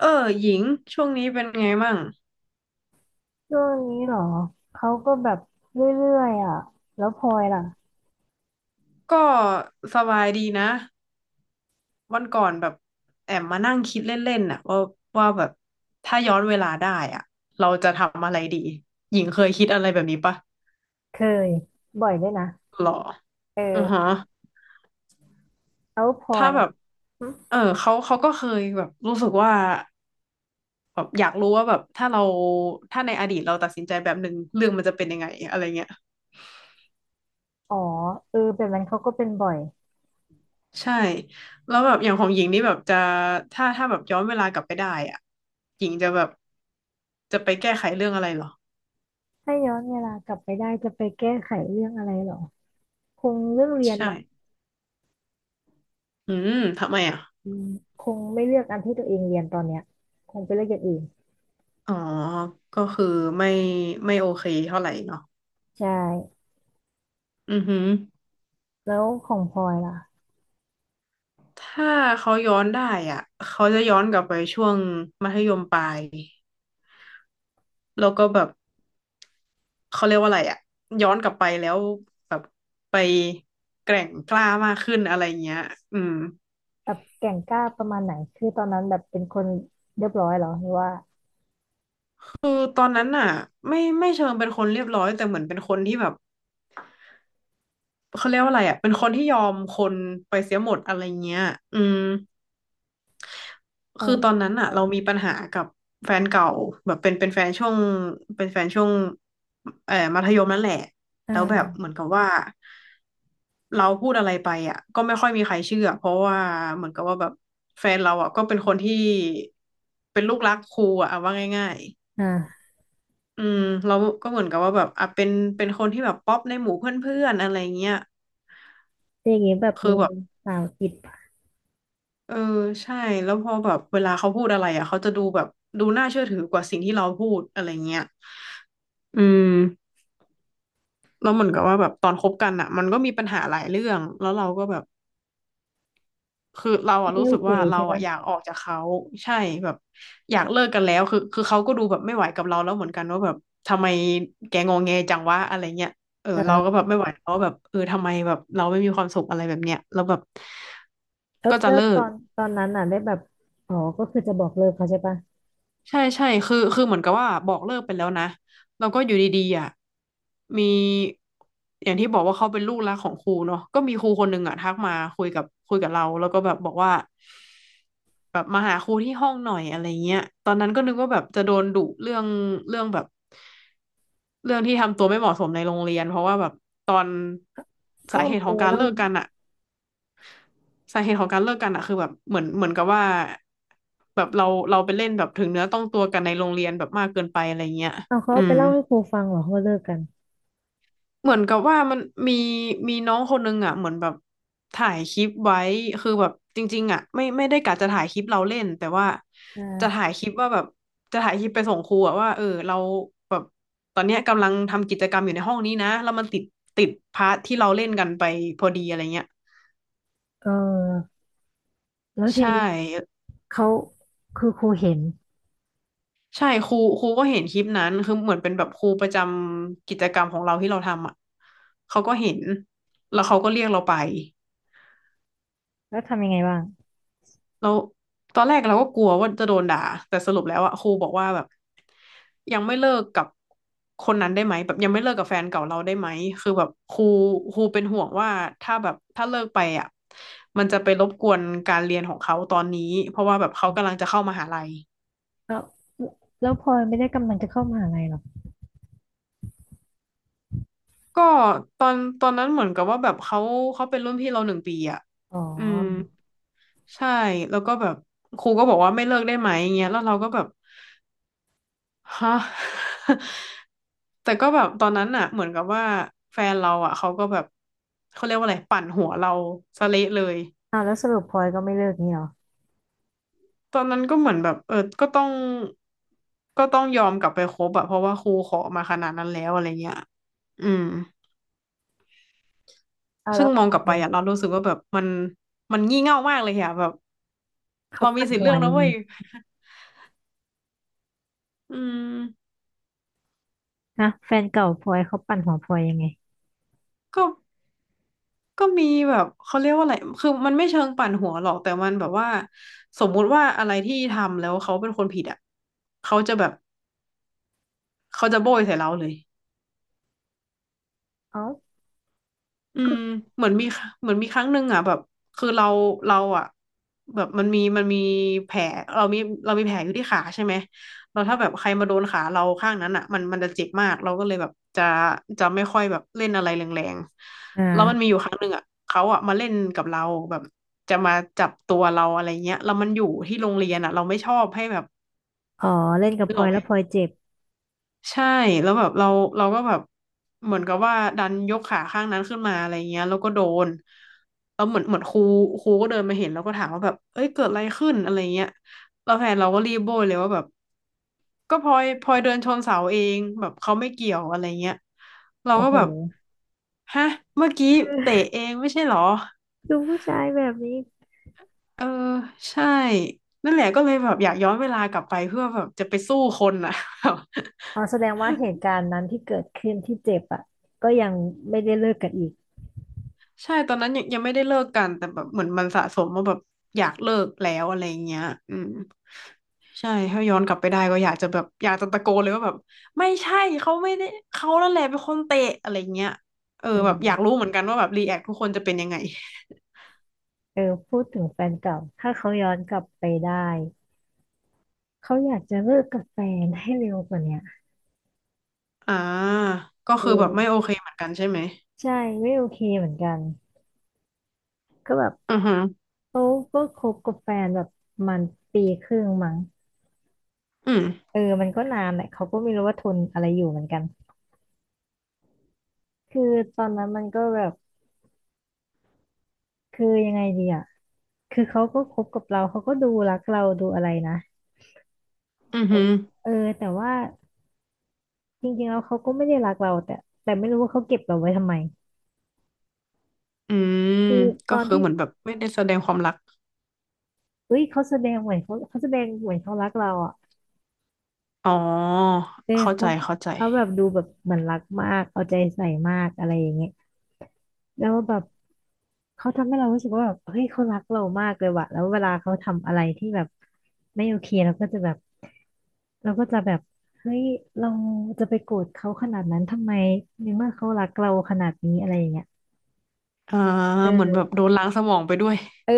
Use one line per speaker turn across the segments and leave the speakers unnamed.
เออหญิงช่วงนี้เป็นไงมั่ง
ช่วงนี้เหรอเขาก็แบบเรื่อยๆอ่ะแล้วพลอยล่ะ
ก็สบายดีนะวันก่อนแบบแอบมานั่งคิดเล่นๆน่ะว่าว่าแบบถ้าย้อนเวลาได้อ่ะเราจะทำอะไรดีหญิงเคยคิดอะไรแบบนี้ปะ
เคยบ่อยด้วยนะ
หรอ
เ
อือฮะ
ออแล้วพลอ
ถ้า
ย
แบบ
อม
เออเขาก็เคยแบบรู้สึกว่าแบบอยากรู้ว่าแบบถ้าเราถ้าในอดีตเราตัดสินใจแบบหนึ่งเรื่องมันจะเป็นยังไงอะไรเงี้ย
อ๋อเออแบบนั้นเขาก็เป็นบ่อย
ใช่แล้วแบบอย่างของหญิงนี่แบบจะถ้าแบบย้อนเวลากลับไปได้อ่ะหญิงจะแบบจะไปแก้ไขเรื่องอะไรเหรอ
ถ้าย้อนเวลากลับไปได้จะไปแก้ไขเรื่องอะไรเหรอคงเรื่องเรียนมา
ใช่อืมทำไมอ่ะ
อืมคงไม่เลือกอันที่ตัวเองเรียนตอนเนี้ยคงไปเลือกอย่างอื่น
อ๋อก็คือไม่ไม่โอเคเท่าไหร่เนาะ
ใช่
อือหือ
แล้วของพลอยล่ะ
ถ้าเขาย้อนได้อ่ะเขาจะย้อนกลับไปช่วงมัธยมปลายแล้วก็แบบเขาเรียกว่าอะไรอ่ะย้อนกลับไปแล้วแบบไปแกร่งกล้ามากขึ้นอะไรเงี้ยอืม
แบบแก่งกล้าประมาณไหนคือตอนนั้นแบบเป็นคนเรียบร้อยเหรอหรือว่า
คือตอนนั้นน่ะไม่เชิงเป็นคนเรียบร้อยแต่เหมือนเป็นคนที่แบบเขาเรียกว่าอะไรอ่ะเป็นคนที่ยอมคนไปเสียหมดอะไรเงี้ยอืม
เออ
คือตอนนั้น
เอ
น่ะเรามีปัญหากับแฟนเก่าแบบเป็นแฟนช่วงเป็นแฟนช่วงมัธยมนั่นแหละ
อ่า
แล้วแบบเหมือนกับว่าเราพูดอะไรไปอ่ะก็ไม่ค่อยมีใครเชื่อเพราะว่าเหมือนกับว่าแบบแฟนเราอ่ะก็เป็นคนที่เป็นลูกรักครูอ่ะเอาว่าง่ายๆ
อ่า
อืมเราก็เหมือนกับว่าแบบอ่ะเป็นคนที่แบบป๊อปในหมู่เพื่อนๆอะไรเงี้ย
อย่างนี้แบบ
คื
มี
อแบบ
สาวติดพ
เออใช่แล้วพอแบบเวลาเขาพูดอะไรอ่ะเขาจะดูแบบดูน่าเชื่อถือกว่าสิ่งที่เราพูดอะไรเงี้ยอืมแล้วเหมือนกับว่าแบบตอนคบกันอ่ะมันก็มีปัญหาหลายเรื่องแล้วเราก็แบบ คือเราอะ
ไม่
รู้
โอ
สึก
เค
ว่าเรา
ใช่
อะ
ปะ
อยากออกจากเขาใช่แบบอยากเลิกกันแล้วคือเขาก็ดูแบบไม่ไหวกับเราแล้วเหมือนกันว่าแบบทำไมแกงอแงจังวะอะไรเงี้ยเออเราก็
เออ
แบบไม่ไหวแล้วว่าแบบเออทำไมแบบเราไม่มีความสุขอะไรแบบเนี้ยแล้วแบบ
แล้ว
ก็จะ
แล้ว
เลิ
ตอ
ก
นตอนนั้นน่ะได้แบบอ๋อก็คือจะบอกเลิกเขาใช่ปะ
ใช่คือเหมือนกับว่าบอกเลิกไปแล้วนะแล้วก็อยู่ดีๆอ่ะมีอย่างที่บอกว่าเขาเป็นลูกรักของครูเนาะก็มีครูคนหนึ่งอ่ะทักมาคุยกับเราแล้วก็แบบบอกว่าแบบมาหาครูที่ห้องหน่อยอะไรเงี้ยตอนนั้นก็นึกว่าแบบจะโดนดุเรื่องเรื่องแบบเรื่องที่ทำตัวไม่เหมาะสมในโรงเรียนเพราะว่าแบบตอน
เขา
สาเหตุ
เอาไป
ของการ
เล่า
เลิกกันอ่ะ สาเหตุของการเลิกกันอะคือแบบเหมือนเหมือนกับว่าแบบเราไปเล่นแบบถึงเนื้อต้องตัวกันในโรงเรียนแบบมากเกินไปอะไรเงี้ย
เอาเขาเอา
อื
ไป
ม
เล่าให้ครูฟังเหรอเขาเลิกกัน
เหมือนกับว่ามันมีมีน้องคนนึงอ่ะเหมือนแบบถ่ายคลิปไว้คือแบบจริงๆอ่ะไม่ได้กะจะถ่ายคลิปเราเล่นแต่ว่า
อ
จะถ่า
่า
ยคลิปว่าแบบจะถ่ายคลิปไปส่งครูอ่ะว่าเออเราแบบตอนเนี้ยกำลังทำกิจกรรมอยู่ในห้องนี้นะแล้วมันติดพาร์ทที่เราเล่นกันไปพอดีอะไรเงี้ย
เออแล้วที
ใช่
นี้เขาคือครูเห็น
ใช่ครูก็เห็นคลิปนั้นคือเหมือนเป็นแบบครูประจำกิจกรรมของเราที่เราทำอ่ะเขาก็เห็นแล้วเขาก็เรียกเราไป
แล้วทำยังไงบ้าง
แล้วตอนแรกเราก็กลัวว่าจะโดนด่าแต่สรุปแล้วอ่ะครูบอกว่าแบบยังไม่เลิกกับคนนั้นได้ไหมแบบยังไม่เลิกกับแฟนเก่าเราได้ไหมคือแบบครูเป็นห่วงว่าถ้าแบบถ้าเลิกไปอ่ะมันจะไปรบกวนการเรียนของเขาตอนนี้เพราะว่าแบบเขากำลังจะเข้ามหาลัย
แล้วแล้วพลอยไม่ได้กำลังจะเข้ามหาลัยหรอ
ก็ตอนนั้นเหมือนกับว่าแบบเขาเป็นรุ่นพี่เรา1 ปีอ่ะ
อ๋อ
อืมใช่แล้วก็แบบครูก็บอกว่าไม่เลิกได้ไหมอย่างเงี้ยแล้วเราก็แบบฮะ แต่ก็แบบตอนนั้นน่ะเหมือนกับว่าแฟนเราอ่ะเขาก็แบบเขาเรียกว่าอะไรปั่นหัวเราซะเละเลย
อ้าวแล้วสรุปพลอยก็ไม่เลิกนี่หรอ
ตอนนั้นก็เหมือนแบบเออก็ต้องยอมกลับไปคบอะเพราะว่าครูขอมาขนาดนั้นแล้วอะไรเงี้ยอืม
อ้าวแล้
ซึ่
ว
งม
เขา
องกลับ
ทำ
ไป
ยังไง
อะเรารู้สึกว่าแบบมันงี่เง่ามากเลยอะแบบ
เขา
เรามี
ปั่น
สิทธิ์
หั
เลื
ว
อก
ยั
นะ
งไง
เว้ยอืม
ฮะแฟนเก่าพลอยเขาปั่นหัวพลอยยังไง
ก็ก็มีแบบเขาเรียกว่าอะไรคือมันไม่เชิงปั่นหัวหรอกแต่มันแบบว่าสมมุติว่าอะไรที่ทำแล้วเขาเป็นคนผิดอ่ะเขาจะแบบเขาจะโบยใส่เราเลย
อ๋อ
อื
ก็
มเหมือนมีเหมือนมีครั้งหนึ่งอ่ะแบบคือเราอ่ะแบบมันมีแผลเรามีเรามีแผลอยู่ที่ขาใช่ไหมเราถ้าแบบใครมาโดนขาเราข้างนั้นอ่ะมันจะเจ็บมากเราก็เลยแบบจะไม่ค่อยแบบเล่นอะไรแรง
อ
ๆแล้วมันมี
่า
อยู่ครั้งหนึ่งอ่ะเขาอ่ะมาเล่นกับเราแบบจะจับตัวเราอะไรเงี้ยแล้วมันอยู่ที่โรงเรียนอ่ะเราไม่ชอบให้แบบ
อ๋อเล่นกับ
นึ
พ
ก
ลอ
ออ
ย
กไหม
แล้วพลอยเจ็บ
ใช่แล้วแบบเราก็แบบเหมือนกับว่าดันยกขาข้างนั้นขึ้นมาอะไรเงี้ยแล้วก็โดนแล้วเหมือนครูก็เดินมาเห็นแล้วก็ถามว่าแบบเอ้ยเกิดอะไรขึ้นอะไรเงี้ยแล้วแฟนเราก็รีบโบยเลยว่าแบบก็พลอยเดินชนเสาเองแบบเขาไม่เกี่ยวอะไรเงี้ยเรา
โอ้
ก็
โห
แบบฮะเมื่อกี้เตะเองไม่ใช่เหรอ
ดูผู้ชายแบบนี้
เออใช่นั่นแหละก็เลยแบบอยากย้อนเวลากลับไปเพื่อแบบจะไปสู้คนอ่ะ
อ๋อ แสดงว่าเหตุการณ์นั้นที่เกิดขึ้นที่เจ็บอ่ะก็ยังไม่ได้เลิกกันอีก
ใช่ตอนนั้นยังไม่ได้เลิกกันแต่แบบเหมือนมันสะสมว่าแบบอยากเลิกแล้วอะไรเงี้ยอืมใช่ถ้าย้อนกลับไปได้ก็อยากจะแบบอยากจะตะโกนเลยว่าแบบไม่ใช่เขาไม่ได้เขานั่นแหละเป็นคนเตะอะไรเงี้ยเออ
เออ
แบบอยากรู้เหมือนกันว่าแบบรีแอคทุกคนจะเป็นยังไง
เออพูดถึงแฟนเก่าถ้าเขาย้อนกลับไปได้เขาอยากจะเลิกกับแฟนให้เร็วกว่าเนี้ย
อ่าก็
เ
คือแบบไม่โอ
ออ
เคเหมือนกันใช่ไหม
ใช่ไม่โอเคเหมือนกันก็แบบ
อือฮึ
เขาก็คบกับแฟนแบบมันปีครึ่งมั้ง
อืม
เออมันก็นานแหละเขาก็ไม่รู้ว่าทนอะไรอยู่เหมือนกันคือตอนนั้นมันก็แบบคือยังไงดีอ่ะคือเขาก็คบกับเราเขาก็ดูรักเราดูอะไรนะ
อือฮึ
เออแต่ว่าจริงๆแล้วเขาก็ไม่ได้รักเราแต่แต่ไม่รู้ว่าเขาเก็บเราไว้ทำไม
อืม
คือต
ก็
อน
คือ
ที่
เหมือนแบบไม่ได้แสดงความรัก
เอ้ยเขาแสดงเหมือนเขาแสดงเหมือนเขารักเราอ่ะ
อ๋อ
เออ
เข้าใจ
เขา
เข้าใจ
เขาแบบดูแบบเหมือนรักมากเอาใจใส่มากอะไรอย่างเงี้ยแล้วแบบเขาทำให้เรารู้สึกว่าแบบเฮ้ยเขารักเรามากเลยว่ะแล้วเวลาเขาทำอะไรที่แบบไม่โอเคเราก็จะแบบเฮ้ยเราจะไปโกรธเขาขนาดนั้นทำไมในเมื่อเขารักเราขนาดนี้อะไรอย่างเงี้ย
อ่า
เ
เหมือนแบบ
ออ
โดนล้างสมองไปด้วย
เออ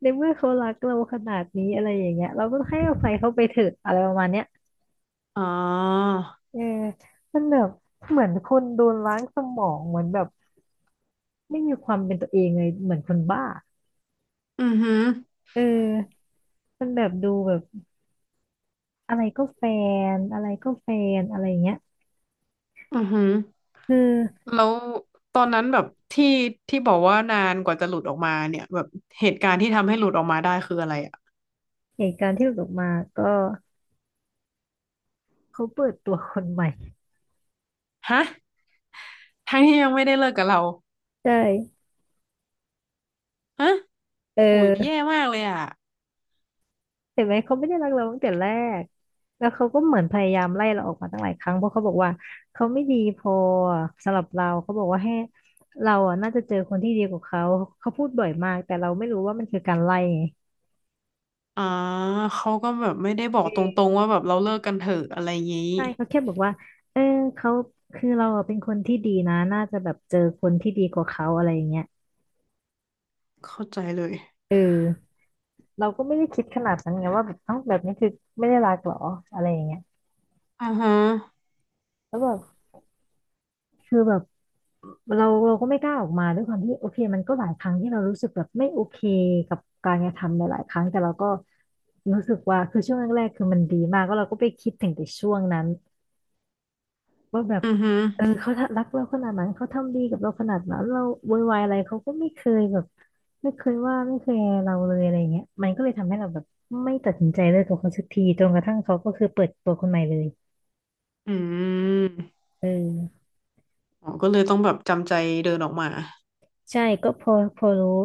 ในเมื่อเขารักเราขนาดนี้อะไรอย่างเงี้ยเราก็ให้อภัยเขาไปเถอะอะไรประมาณเนี้ย
อ๋อ
เออมันแบบเหมือนคนโดนล้างสมองเหมือนแบบไม่มีความเป็นตัวเองเลยเหมือนคนบ้า
อือหือ
เออมันแบบดูแบบอะไรก็แฟอะไรก็แฟนอะไรอย่างเงี้ย
อือหือ
คือ
แล้วตอนนั้นแบบที่ที่บอกว่านานกว่าจะหลุดออกมาเนี่ยแบบเหตุการณ์ที่ทำให้หลุดออกมาได้คืออะไรอ่ะ
เหตุการณ์ที่หลุดออกมาก็เขาเปิดตัวคนใหม่
ฮะทั้งที่ยังไม่ได้เลิกกับเรา
ใช่
ฮะ
เอ
โหแย่
อ
มากเลยอ่ะ
เห็นไหมเขาไม่ได้รักเราตั้งแต่แรกแล้วเขาก็เหมือนพยายามไล่เราออกมาตั้งหลายครั้งเพราะเขาบอกว่าเขาไม่ดีพอสำหรับเราเขาบอกว่าให้เราอ่ะน่าจะเจอคนที่ดีกว่าเขาเขาพูดบ่อยมากแต่เราไม่รู้ว่ามันคือการไล่ไง
อ๋อเขาก็แบบไม่ได้บอก
เอ
ตรง
อ
ๆว่าแบบเราเลิกกันเถอะอะไรงี้
ใช่เขาแค่บอกว่าเออเขาคือเราอะเป็นคนที่ดีนะน่าจะแบบเจอคนที่ดีกว่าเขาอะไรอย่างเงี้ย
เข้าใจเลย
เออเราก็ไม่ได้คิดขนาดนั้นไงว่าแบบเอ้าแบบนี้คือไม่ได้รักเหรออะไรอย่างเงี้ย
อือฮึ
แล้วแบบคือแบบ เราก็ไม่กล้าออกมาด้วยความที่โอเคมันก็หลายครั้งที่เรารู้สึกแบบไม่โอเคกับการกระทำหลายๆครั้งแต่เราก็รู้สึกว่าคือช่วงแรกๆคือมันดีมากก็เราก็ไปคิดถึงแต่ช่วงนั้นว่าแบบ
อือฮึ
เออเขารักเราขนาดนั้นเขาทำดีกับเราขนาดนั้นเราโวยวายอะไรเขาก็ไม่เคยแบบไม่เคยว่าไม่เคยเราเลยอะไรเงี้ยมันก็เลยทำให้เราแบบไม่ตัดสินใจเลิกกับเขาสักทีจนกระทั่งเขาก็คือเปิดตัวคนใหม่เลย
อืม
เออ
อ๋อก็เลยต้องแบบจำใจเดินออกมา
ใช่ก็พอรู้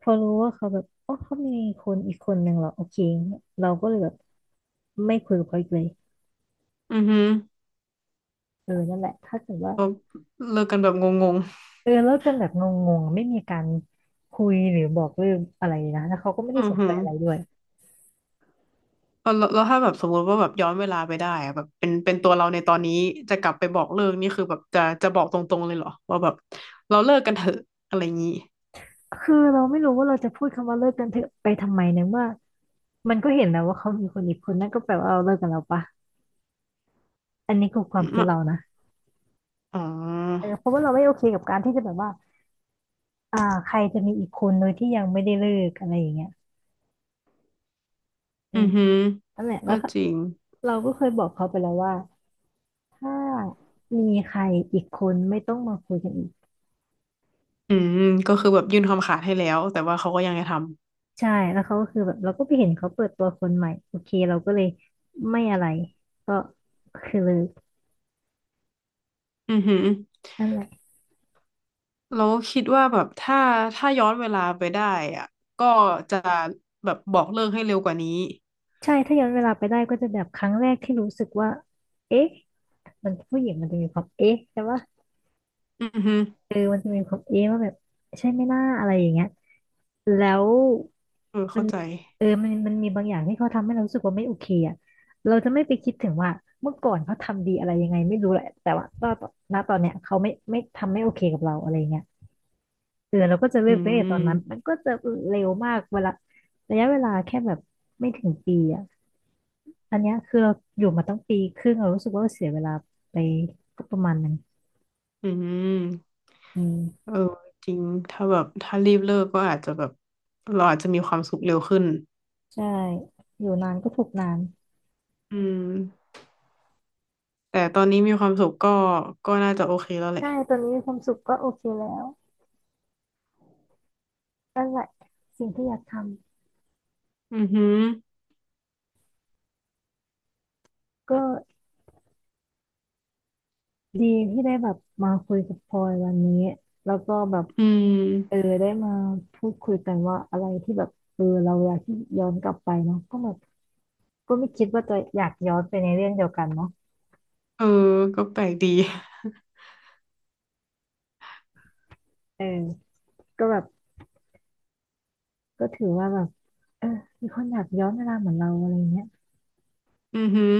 พอรู้ว่าเขาแบบอ๋อเขามีคนอีกคนหนึ่งเหรอโอเคเราก็เลยแบบไม่คุยกับเขาอีกเลย
อือฮึ
เออนั่นแหละถ้าเกิดว่า
ก็เลิกกันแบบงง
เออเลิกกันแบบงงๆไม่มีการคุยหรือบอกเรืกองอะไรนะแล้วเขาก็ไม่
ๆ
ได้
อือ
สน
ฮึ
ใจอะไรด้วย
เอาแล้วแล้วถ้าแบบสมมติว่าแบบย้อนเวลาไปได้อะแบบเป็นตัวเราในตอนนี้จะกลับไปบอกเลิกนี่คือแบบจะบอกตรงๆเลยเหรอว่าแบบเราเลิกกันเถอะอะไรอย่างงี้
คือเราไม่รู้ว่าเราจะพูดคำว่าเลิกกันเถอะไปทำไมเนเมื่อมันก็เห็นแล้วว่าเขามีคนอีกคนนั่นก็แปลว่าเราเลิกกันแล้วปะอันนี้คือควา
อื
มคิด
ม
เรานะ
อ๋อ
เออเพราะว่าเราไม่โอเคกับการที่จะแบบว่าอ่าใครจะมีอีกคนโดยที่ยังไม่ได้เลิกอะไรอย่างเงี้ยอื
อื
ม
อหือ
นั่นแหละแล้
ก็
วก็
จริง
เราก็เคยบอกเขาไปแล้วว่าถ้ามีใครอีกคนไม่ต้องมาคุยกันอีก
อืมก็คือแบบยื่นคำขาดให้แล้วแต่ว่าเขาก็ยังจะทำ
ใช่แล้วเขาก็คือแบบเราก็ไปเห็นเขาเปิดตัวคนใหม่โอเคเราก็เลยไม่อะไรก็คือเลิก
อือหือ
นั่นแหละ
เราคิดว่าแบบถ้าย้อนเวลาไปได้อะก็จะแบบบอกเลิกให้เร็วกว่านี้
ใช่ถ้าย้อนเวลาไปได้ก็จะแบบครั้งแรกที่รู้สึกว่าเอ๊ะมันผู้หญิงมันจะมีความเอ๊ะใช่ปะ
อือฮึ
เออมันจะมีความเอ๊ะว่าแบบใช่ไหมหน่าอะไรอย่างเงี้ยแล้ว
เออ
มั
เข้า
น
ใจ
เออมันมีบางอย่างที่เขาทำให้เรารู้สึกว่าไม่โอเคอ่ะเราจะไม่ไปคิดถึงว่าเมื่อก่อนเขาทำดีอะไรยังไงไม่รู้แหละแต่ว่าตอนณตอนเนี้ยเขาไม่ทำไม่โอเคกับเราอะไรเงี้ยเออเราก็จะเลิ
อื
กไปตั้งแต่ตอนนั้นมัน
ม
ก็จะเร็วมากเวลาระยะเวลาแค่แบบไม่ถึงปีอ่ะอันเนี้ยคือเราอยู่มาตั้งปีครึ่งเรารู้สึกว่าเราเสียเวลาไปก็ประมาณหนึง
อืม
อืม
เออจริงถ้าแบบถ้ารีบเลิกก็อาจจะแบบเราอาจจะมีความสุขเร็วขึ้น
ใช่อยู่นานก็ถูกนาน
อืมแต่ตอนนี้มีความสุขก็น่าจะโอเคแล้วแหละ
ใช่ตอนนี้มีความสุขก็โอเคแล้วนั่นแหละสิ่งที่อยากทำ
อือหือ
ก็ ดีที่ได้แบบมาคุยกับพลอยวันนี้แล้วก็แบบ
อื
เออ
ม
ได้มาพูดคุยกันว่าอะไรที่แบบเออเราอยากที่ย้อนกลับไปเนาะก็แบบก็ไม่คิดว่าจะอยากย้อนไปในเรื่องเดียวกันเนาะ
เออก็แปลกดี
เออก็แบบก็ถือว่าแบบเออมีคนอยากย้อนเวลาเหมือนเราอะไรเงี้ย
อือหือ